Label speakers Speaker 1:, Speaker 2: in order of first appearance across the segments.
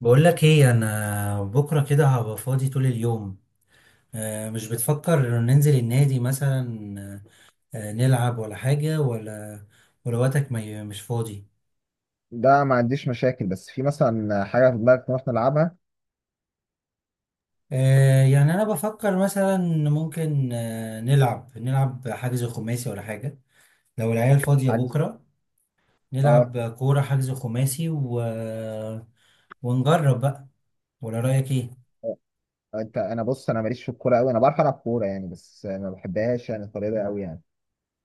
Speaker 1: بقول لك ايه، انا بكره كده هبقى فاضي طول اليوم. آه، مش بتفكر ننزل النادي مثلا؟ آه، نلعب ولا حاجه ولا ولا وقتك ما ي- مش فاضي؟
Speaker 2: ده ما عنديش مشاكل، بس في مثلا حاجه في دماغك نروح نلعبها؟
Speaker 1: آه، يعني انا بفكر مثلا ممكن، آه، نلعب حجز خماسي ولا حاجه لو العيال فاضيه
Speaker 2: حجز.
Speaker 1: بكره.
Speaker 2: اه
Speaker 1: نلعب كوره حجز خماسي ونجرب بقى. ولا رايك ايه؟
Speaker 2: انت انا بص، ماليش في الكوره قوي، انا بعرف العب كوره يعني، بس ما بحبهاش يعني الطريقه قوي يعني.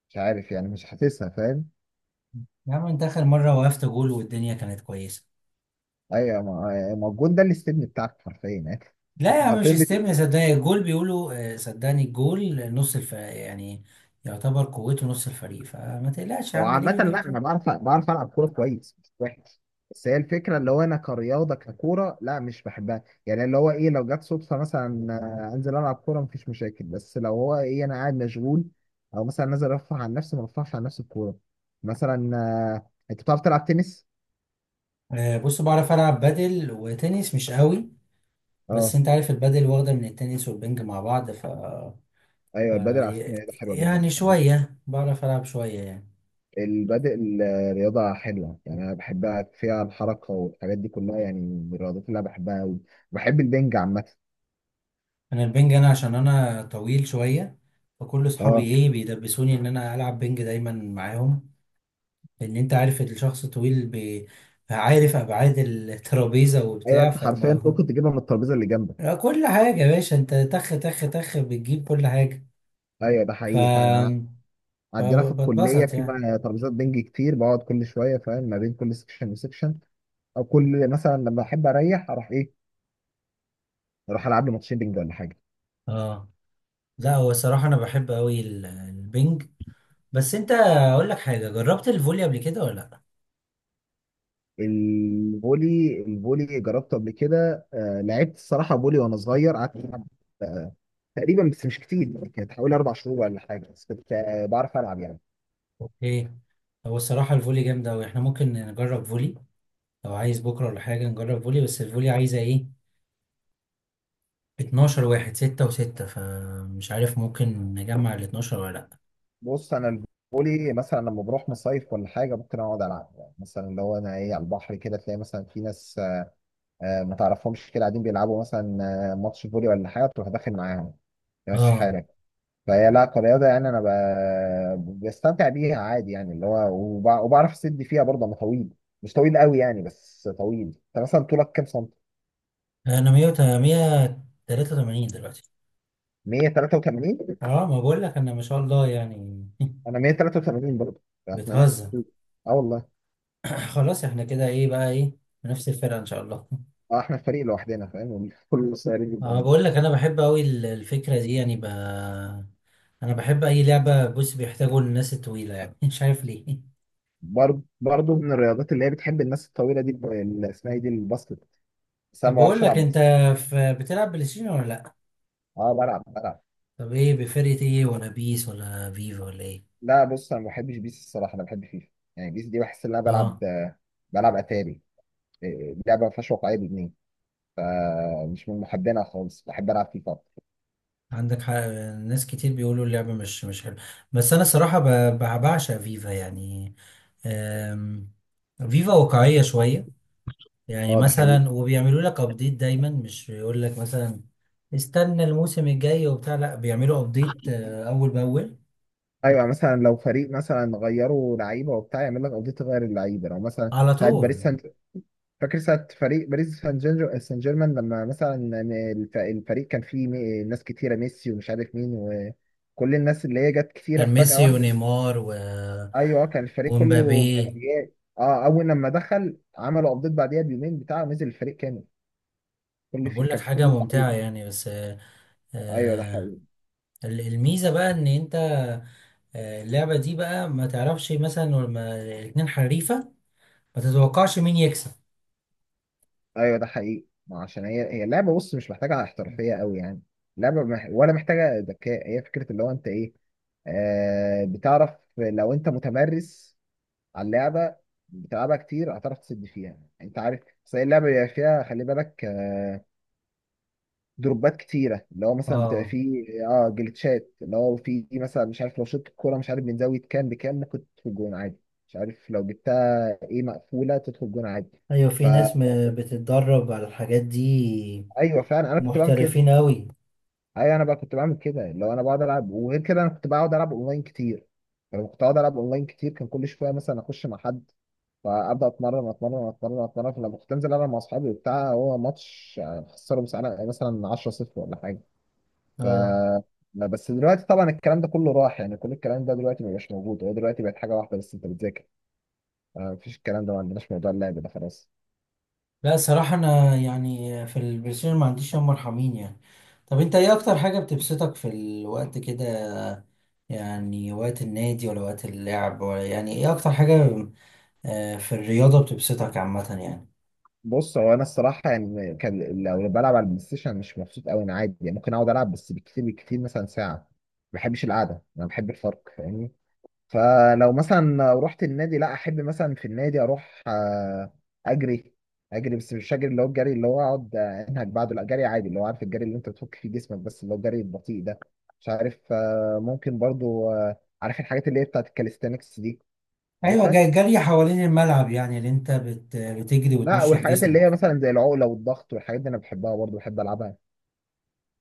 Speaker 2: مش عارف يعني، مش حاسسها، فاهم؟
Speaker 1: يا عم انت اخر مره وقفت جول والدنيا كانت كويسه.
Speaker 2: ايوه، ما الجون ده اللي استبني بتاعك حرفيا يعني.
Speaker 1: لا يا عم مش
Speaker 2: حرفيا.
Speaker 1: استبن، صدقني الجول بيقولوا آه، صدقني الجول نص الفريق، يعني يعتبر قوته نص الفريق، فما تقلقش يا
Speaker 2: هو
Speaker 1: عم.
Speaker 2: عامة
Speaker 1: ليه ليه
Speaker 2: لا
Speaker 1: بتقول؟
Speaker 2: أنا بعرف ألعب كورة كويس، مش وحش. بس هي الفكرة، اللي هو أنا كرياضة ككورة لا مش بحبها يعني. اللي هو إيه، لو جت صدفة مثلا أنزل ألعب كورة مفيش مشاكل، بس لو هو إيه أنا قاعد مشغول، أو مثلا نازل أرفع عن نفسي، ما برفعش عن نفسي الكورة. مثلا أنت بتعرف تلعب تنس؟
Speaker 1: آه، بص بعرف العب بادل وتنس مش قوي. بس
Speaker 2: أه.
Speaker 1: انت عارف البادل واخده من التنس والبنج مع بعض ف
Speaker 2: أيوه، البادل على فكرة
Speaker 1: ي-
Speaker 2: رياضة حلوة جدا،
Speaker 1: يعني
Speaker 2: حبيت
Speaker 1: شويه بعرف العب شويه يعني.
Speaker 2: البادل. رياضة حلوة يعني، أنا بحبها، فيها الحركة والحاجات دي كلها، يعني من الرياضات اللي أنا بحبها أوي. بحب البنج عامة.
Speaker 1: انا البنج انا عشان انا طويل شويه، فكل اصحابي
Speaker 2: أه.
Speaker 1: ايه بيدبسوني ان انا العب بنج دايما معاهم، لان انت عارف الشخص طويل عارف ابعاد الترابيزه
Speaker 2: ايوه،
Speaker 1: وبتاع،
Speaker 2: انت حرفيا
Speaker 1: فالموضوع
Speaker 2: ممكن تجيبها من الترابيزه اللي جنبك.
Speaker 1: لا، كل حاجه يا باشا، انت تخ تخ تخ بتجيب كل حاجه.
Speaker 2: ايوه ده
Speaker 1: ف
Speaker 2: حقيقي. فانا عندنا في الكليه
Speaker 1: فبتبسط
Speaker 2: في
Speaker 1: يعني.
Speaker 2: ترابيزات بنج كتير، بقعد كل شويه فاهم ما بين كل سكشن وسكشن. او كل مثلا لما احب اريح، اروح ايه، اروح العب لي ماتشين بنج ولا حاجه.
Speaker 1: اه، لا هو الصراحه انا بحب قوي البنج. بس انت اقول لك حاجه، جربت الفولي قبل كده ولا لا؟
Speaker 2: الفولي، الفولي جربته قبل كده، آه لعبت الصراحه فولي وانا صغير، قعدت العب آه تقريبا، بس مش كتير يعني، كانت حوالي 4 شهور ولا حاجه، بس كنت آه بعرف العب يعني.
Speaker 1: اوكي. هو الصراحه الفولي جامده قوي، احنا ممكن نجرب فولي لو عايز بكره ولا حاجه. نجرب فولي بس الفولي عايزه ايه؟ 12 واحد، 6 و6، فمش عارف ممكن نجمع ال 12 ولا لا.
Speaker 2: بص انا الفولي مثلا لما بروح مصيف ولا حاجه ممكن اقعد العب، يعني مثلا اللي هو انا ايه، على البحر كده تلاقي مثلا في ناس ما تعرفهمش، كده قاعدين بيلعبوا مثلا ماتش فولي ولا حاجه، تروح داخل معاهم، تمشي
Speaker 1: اه
Speaker 2: حالك. فهي لا كرياضه يعني انا بستمتع بيها عادي يعني، اللي هو وبعرف اسد فيها برضه، انا طويل، مش طويل قوي يعني، بس طويل. انت مثلا طولك كام سنتي؟
Speaker 1: انا 183 دلوقتي.
Speaker 2: 183.
Speaker 1: اه ما بقول لك انا، ما شاء الله يعني.
Speaker 2: انا 183 برضه. احنا نفس
Speaker 1: بتهزر.
Speaker 2: الطول. اه والله.
Speaker 1: خلاص احنا كده ايه بقى، ايه، نفس الفرقه ان شاء الله.
Speaker 2: اه، احنا الفريق لوحدنا فاهم، كل صغيرين
Speaker 1: اه،
Speaker 2: جدا.
Speaker 1: بقول لك انا بحب قوي الفكره دي. انا بحب اي لعبه بص بيحتاجوا الناس الطويله يعني. مش عارف ليه.
Speaker 2: برضه من الرياضات اللي هي بتحب الناس الطويله دي اللي اسمها ايه دي، الباسكت، بس انا
Speaker 1: طب
Speaker 2: ما
Speaker 1: بقول
Speaker 2: بعرفش
Speaker 1: لك
Speaker 2: العب
Speaker 1: انت،
Speaker 2: باسكت.
Speaker 1: بتلعب بلاي ستيشن ولا لا؟
Speaker 2: اه، بلعب.
Speaker 1: طب ايه، بفرقه ايه، ولا بيس ولا فيفا ولا ايه؟
Speaker 2: لا بص، انا ما بحبش بيس الصراحه، انا بحب فيفا. يعني بيس دي بحس ان انا بلعب،
Speaker 1: اه،
Speaker 2: بلعب اتاري، لعبه ما فيهاش واقعيه بجنيه، فمش من محبينها خالص، بحب العب فيفا أكتر.
Speaker 1: عندك حق. ناس كتير بيقولوا اللعبة مش حلوة، بس أنا صراحة بعشق فيفا يعني. أم، فيفا واقعية شوية يعني.
Speaker 2: اه ده حقيقي.
Speaker 1: مثلا وبيعملوا لك أبديت دايما، مش بيقول لك مثلا استنى الموسم الجاي وبتاع، لا بيعملوا أبديت، آه، أول بأول.
Speaker 2: ايوه، يعني مثلا لو فريق مثلا غيروا لعيبه وبتاع، يعمل لك قضيه تغير اللعيبه، لو مثلا
Speaker 1: على
Speaker 2: ساعات باريس
Speaker 1: طول.
Speaker 2: سان، فاكر ساعة فريق باريس سان جيرمان سان جيرمان لما مثلا الفريق كان فيه ناس كتيرة، ميسي ومش عارف مين، وكل الناس اللي هي جت كتيرة
Speaker 1: كان
Speaker 2: في فجأة
Speaker 1: ميسي
Speaker 2: واحدة دي.
Speaker 1: ونيمار
Speaker 2: ايوه كان الفريق كله
Speaker 1: ومبابي.
Speaker 2: مجانيات، اه اول لما دخل عملوا ابديت، بعديها بيومين بتاعه نزل الفريق كامل. كل في
Speaker 1: بقول لك
Speaker 2: كان في كل
Speaker 1: حاجة ممتعة
Speaker 2: اللعيبة.
Speaker 1: يعني بس، آه،
Speaker 2: ايوه ده
Speaker 1: آه،
Speaker 2: حقيقي.
Speaker 1: الميزة بقى إن أنت، آه، اللعبة دي بقى ما تعرفش مثلا لما الاتنين حريفة ما تتوقعش مين يكسب.
Speaker 2: ما عشان هي اللعبة، بص مش محتاجة احترافية قوي يعني، اللعبة ولا محتاجة ذكاء، هي فكرة اللي هو انت ايه، آه بتعرف، لو انت متمرس على اللعبه، بتلعبها كتير هتعرف تسد فيها يعني، انت عارف. بس هي اللعبه بيبقى فيها، خلي بالك دروبات كتيره، اللي هو مثلا بتبقى
Speaker 1: اه.
Speaker 2: فيه اه جلitchات، اللي هو فيه مثلا مش عارف لو شطت الكوره مش عارف من زاويه كام بكام ممكن تدخل جون عادي، مش عارف لو جبتها ايه مقفوله تدخل جون عادي.
Speaker 1: ايوه في ناس بتتدرب على الحاجات دي،
Speaker 2: فايوه فعلا انا كنت بعمل كده.
Speaker 1: محترفين قوي.
Speaker 2: ايوه انا بقى كنت بعمل كده، لو انا بقعد العب. وغير كده، انا كنت بقعد العب اونلاين كتير، فلما كنت بقعد العب اونلاين كتير كان كل شويه مثلا اخش مع حد، فابدا اتمرن. فلما كنت انزل العب مع اصحابي وبتاع، هو ماتش يعني خسره مساله مثلا 10-0 ولا حاجه. ف
Speaker 1: اه.
Speaker 2: لا، بس دلوقتي طبعا الكلام ده كله راح يعني، كل الكلام ده دلوقتي مبقاش موجود، هو دلوقتي بقت حاجه واحده بس، انت بتذاكر، مفيش الكلام ده، ما عندناش موضوع اللعب ده خلاص.
Speaker 1: لا الصراحة أنا يعني في البلايستيشن ما عنديش يوم مرحمين يعني. طب أنت إيه أكتر حاجة بتبسطك في الوقت كده؟ يعني وقت النادي ولا وقت اللعب، ولا يعني إيه أكتر حاجة، آه، في الرياضة بتبسطك عامة يعني؟
Speaker 2: بص هو انا الصراحه يعني، كان لو بلعب على البلاي ستيشن مش مبسوط قوي، انا عادي يعني ممكن اقعد العب، بس بكتير بكتير مثلا ساعه، ما بحبش القعده، انا بحب الفرق فاهمني. فلو مثلا رحت النادي، لا احب مثلا في النادي اروح اجري، اجري بس مش اجري اللي هو الجري اللي هو اقعد انهج بعده، لا جري عادي اللي هو عارف، الجري اللي انت بتفك فيه جسمك، بس اللي هو الجري البطيء ده. مش عارف ممكن برضو عارف الحاجات اللي هي بتاعت الكاليستانكس دي،
Speaker 1: أيوة،
Speaker 2: عارفها؟
Speaker 1: جري حوالين الملعب يعني، اللي أنت بتجري
Speaker 2: لا،
Speaker 1: وتنشط
Speaker 2: والحاجات اللي هي
Speaker 1: جسمك.
Speaker 2: مثلا زي العقله والضغط والحاجات دي انا بحبها برضو، بحب العبها.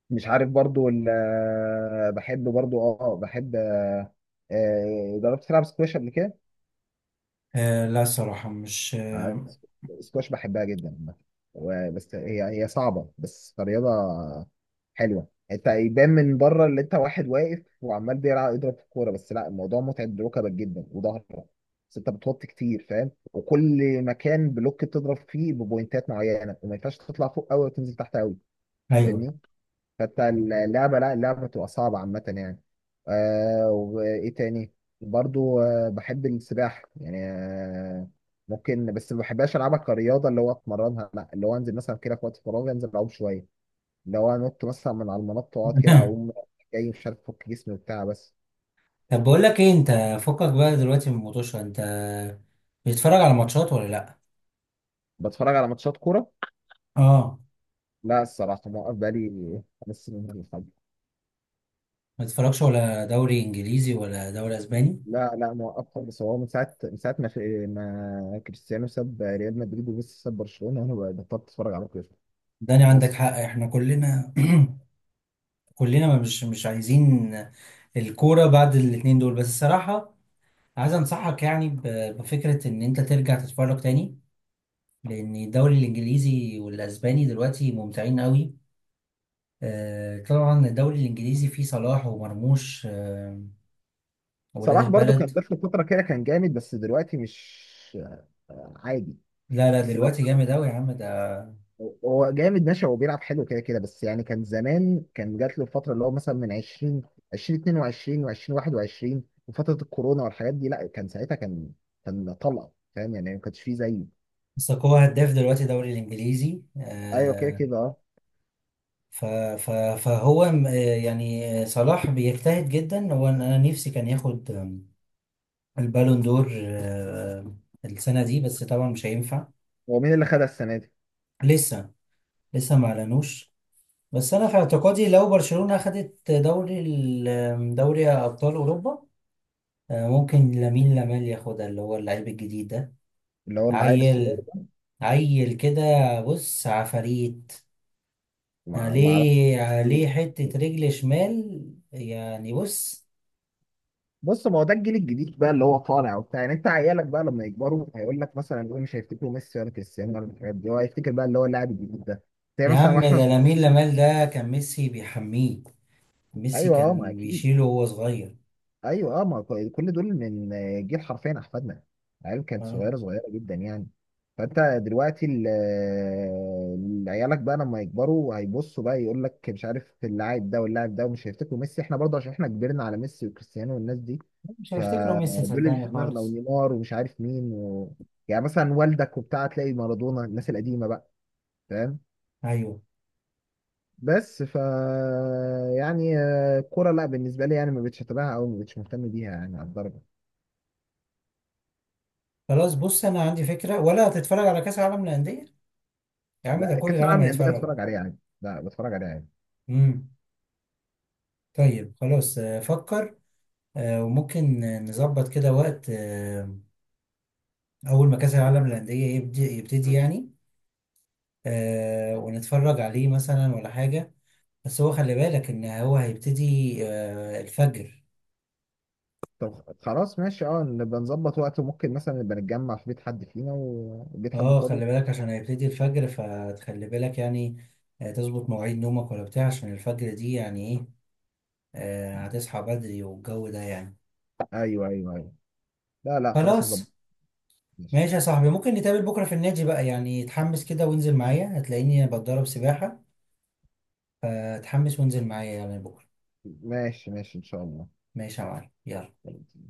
Speaker 2: مش عارف برضو بحب برضو اه بحب جربت تلعب سكواش قبل كده؟
Speaker 1: آه لا الصراحة مش
Speaker 2: آه،
Speaker 1: آه.
Speaker 2: سكواش بحبها جدا عامة. بس هي صعبة بس رياضة حلوة. انت يبان من بره اللي انت واحد واقف وعمال بيلعب يضرب في الكورة، بس لا الموضوع متعب ركبك جدا وظهرك، بس انت بتوطي كتير فاهم، وكل مكان بلوك تضرب فيه ببوينتات معينة، وما ينفعش تطلع فوق قوي وتنزل تحت قوي.
Speaker 1: أيوه.
Speaker 2: فاهمني. حتى اللعبة لا، اللعبة بتبقى صعبة عامة يعني. آه، وإيه تاني، برضو آه بحب السباحة يعني، آه ممكن، بس ما بحبهاش ألعبها كرياضة اللي هو أتمرنها، لا اللي هو أنزل مثلا كده في وقت فراغي، أنزل أعوم شوية، اللي هو أنط مثلا من على المنط وأقعد كده أقوم، جاي مش عارف أفك جسمي وبتاع بس.
Speaker 1: طب بقول لك إيه أنت، فكك بقى دلوقتي من الموتوشة، أنت بتتفرج على ماتشات ولا لأ؟
Speaker 2: بتفرج على ماتشات كورة؟
Speaker 1: آه.
Speaker 2: لا الصراحة موقف بقالي 5 سنين ولا حاجة.
Speaker 1: ما تتفرجش ولا دوري إنجليزي ولا دوري إسباني؟
Speaker 2: لا لا موقف، بس هو من ساعة ما كريستيانو ساب ريال مدريد وميسي ساب برشلونة، أنا بطلت أتفرج على كورة.
Speaker 1: داني عندك
Speaker 2: بس
Speaker 1: حق، إحنا كلنا، كلنا ما مش عايزين الكورة بعد الاتنين دول بس الصراحة. عايز أنصحك يعني بفكرة إن أنت ترجع تتفرج تاني، لأن الدوري الإنجليزي والأسباني دلوقتي ممتعين قوي. آه، طبعا الدوري الانجليزي فيه صلاح ومرموش، آه، وولاد
Speaker 2: صلاح برضو كان
Speaker 1: البلد.
Speaker 2: جات له فترة كده كان جامد، بس دلوقتي مش عادي.
Speaker 1: لا لا
Speaker 2: بس اللي هو
Speaker 1: دلوقتي جامد اوي يا عم ده.
Speaker 2: هو جامد ماشي، هو بيلعب حلو كده كده، بس يعني كان زمان كان جات له الفترة اللي هو مثلا من 20 2022 و2021 وفترة الكورونا والحاجات دي، لا كان ساعتها كان كان طلقة فاهم يعني، ما كانش فيه زيه.
Speaker 1: ساكو هداف دلوقتي الدوري الانجليزي،
Speaker 2: ايوه كده
Speaker 1: آه،
Speaker 2: كده اه.
Speaker 1: ف ف فهو آه، يعني، آه، صلاح بيجتهد جدا هو. انا أنا نفسي كان ياخد، آه، البالون دور، آه، السنه دي، بس طبعا مش هينفع.
Speaker 2: هو مين اللي خدها السنة دي؟
Speaker 1: لسه، لسه ما اعلنوش. بس انا في اعتقادي لو برشلونه اخدت دوري آه، دوري ابطال اوروبا، آه، ممكن لامين يامال ياخدها، اللي هو اللعيب الجديد ده.
Speaker 2: اللي هو العيل الصغير
Speaker 1: عيل،
Speaker 2: ده؟
Speaker 1: عيل كده، بص عفاريت،
Speaker 2: ما ما اعرفش.
Speaker 1: عليه عليه حتة رجل شمال يعني. بص
Speaker 2: بص ما هو ده الجيل الجديد بقى اللي هو طالع وبتاع يعني، انت عيالك بقى لما يكبروا هيقول لك مثلا، هو مش هيفتكروا ميسي ولا كريستيانو ولا الحاجات دي، هو هيفتكر بقى اللي هو اللاعب الجديد ده، زي
Speaker 1: يا
Speaker 2: مثلا
Speaker 1: عم،
Speaker 2: واحنا
Speaker 1: ده لامين
Speaker 2: صغيرين.
Speaker 1: يامال ده كان ميسي بيحميه، ميسي
Speaker 2: ايوه اه ما
Speaker 1: كان
Speaker 2: اكيد.
Speaker 1: بيشيله وهو صغير.
Speaker 2: ايوه اه، ما كو- كل دول من جيل حرفيا احفادنا، العيال كانت
Speaker 1: أه؟
Speaker 2: صغيره جدا يعني. فانت دلوقتي عيالك بقى لما يكبروا هيبصوا بقى يقول لك مش عارف اللاعب ده واللاعب ده، ومش هيفتكروا ميسي، احنا برضه عشان احنا كبرنا على ميسي وكريستيانو والناس دي.
Speaker 1: مش هيفتكره ميسي
Speaker 2: فدول اللي في
Speaker 1: صدقني
Speaker 2: دماغنا،
Speaker 1: خالص.
Speaker 2: ونيمار ومش عارف مين و... يعني مثلا والدك وبتاع تلاقي مارادونا، الناس القديمه بقى، فاهم؟
Speaker 1: ايوه.
Speaker 2: بس يعني الكوره لا بالنسبه لي يعني ما بقتش اتابعها او ما بقتش مهتم بيها يعني على الدرجه.
Speaker 1: خلاص بص انا عندي فكرة، ولا هتتفرج على كأس العالم للأندية؟ يا عم ده
Speaker 2: لا
Speaker 1: كل
Speaker 2: كاس
Speaker 1: العالم
Speaker 2: العالم للانديه
Speaker 1: هيتفرج.
Speaker 2: اتفرج عليه عادي. لا بتفرج عليه عادي.
Speaker 1: امم. طيب خلاص، آه، فكر، آه، وممكن نظبط كده وقت، آه، أول ما كأس العالم للأندية يبتدي يعني، آه، ونتفرج عليه مثلا ولا حاجة. بس هو خلي بالك إن هو هيبتدي، آه، الفجر.
Speaker 2: طب خلاص ماشي، اه نبقى نظبط وقت، وممكن مثلا نبقى نتجمع في بيت حد فينا، وبيت حد
Speaker 1: اه
Speaker 2: فاضي.
Speaker 1: خلي بالك عشان هيبتدي الفجر، فتخلي بالك يعني، آه، تظبط مواعيد نومك ولا بتاع، عشان الفجر دي يعني ايه، آه، هتصحى بدري والجو ده يعني.
Speaker 2: ايوه ايوه ايوه. لا لا خلاص نظبط.
Speaker 1: خلاص.
Speaker 2: ماشي
Speaker 1: ماشي يا صاحبي، ممكن نتقابل بكرة في النادي بقى يعني، اتحمس كده وانزل معايا، هتلاقيني بتدرب سباحة، فتحمس وانزل معايا يعني بكرة.
Speaker 2: ماشي ماشي ان شاء
Speaker 1: ماشي يا معلم، يلا.
Speaker 2: الله.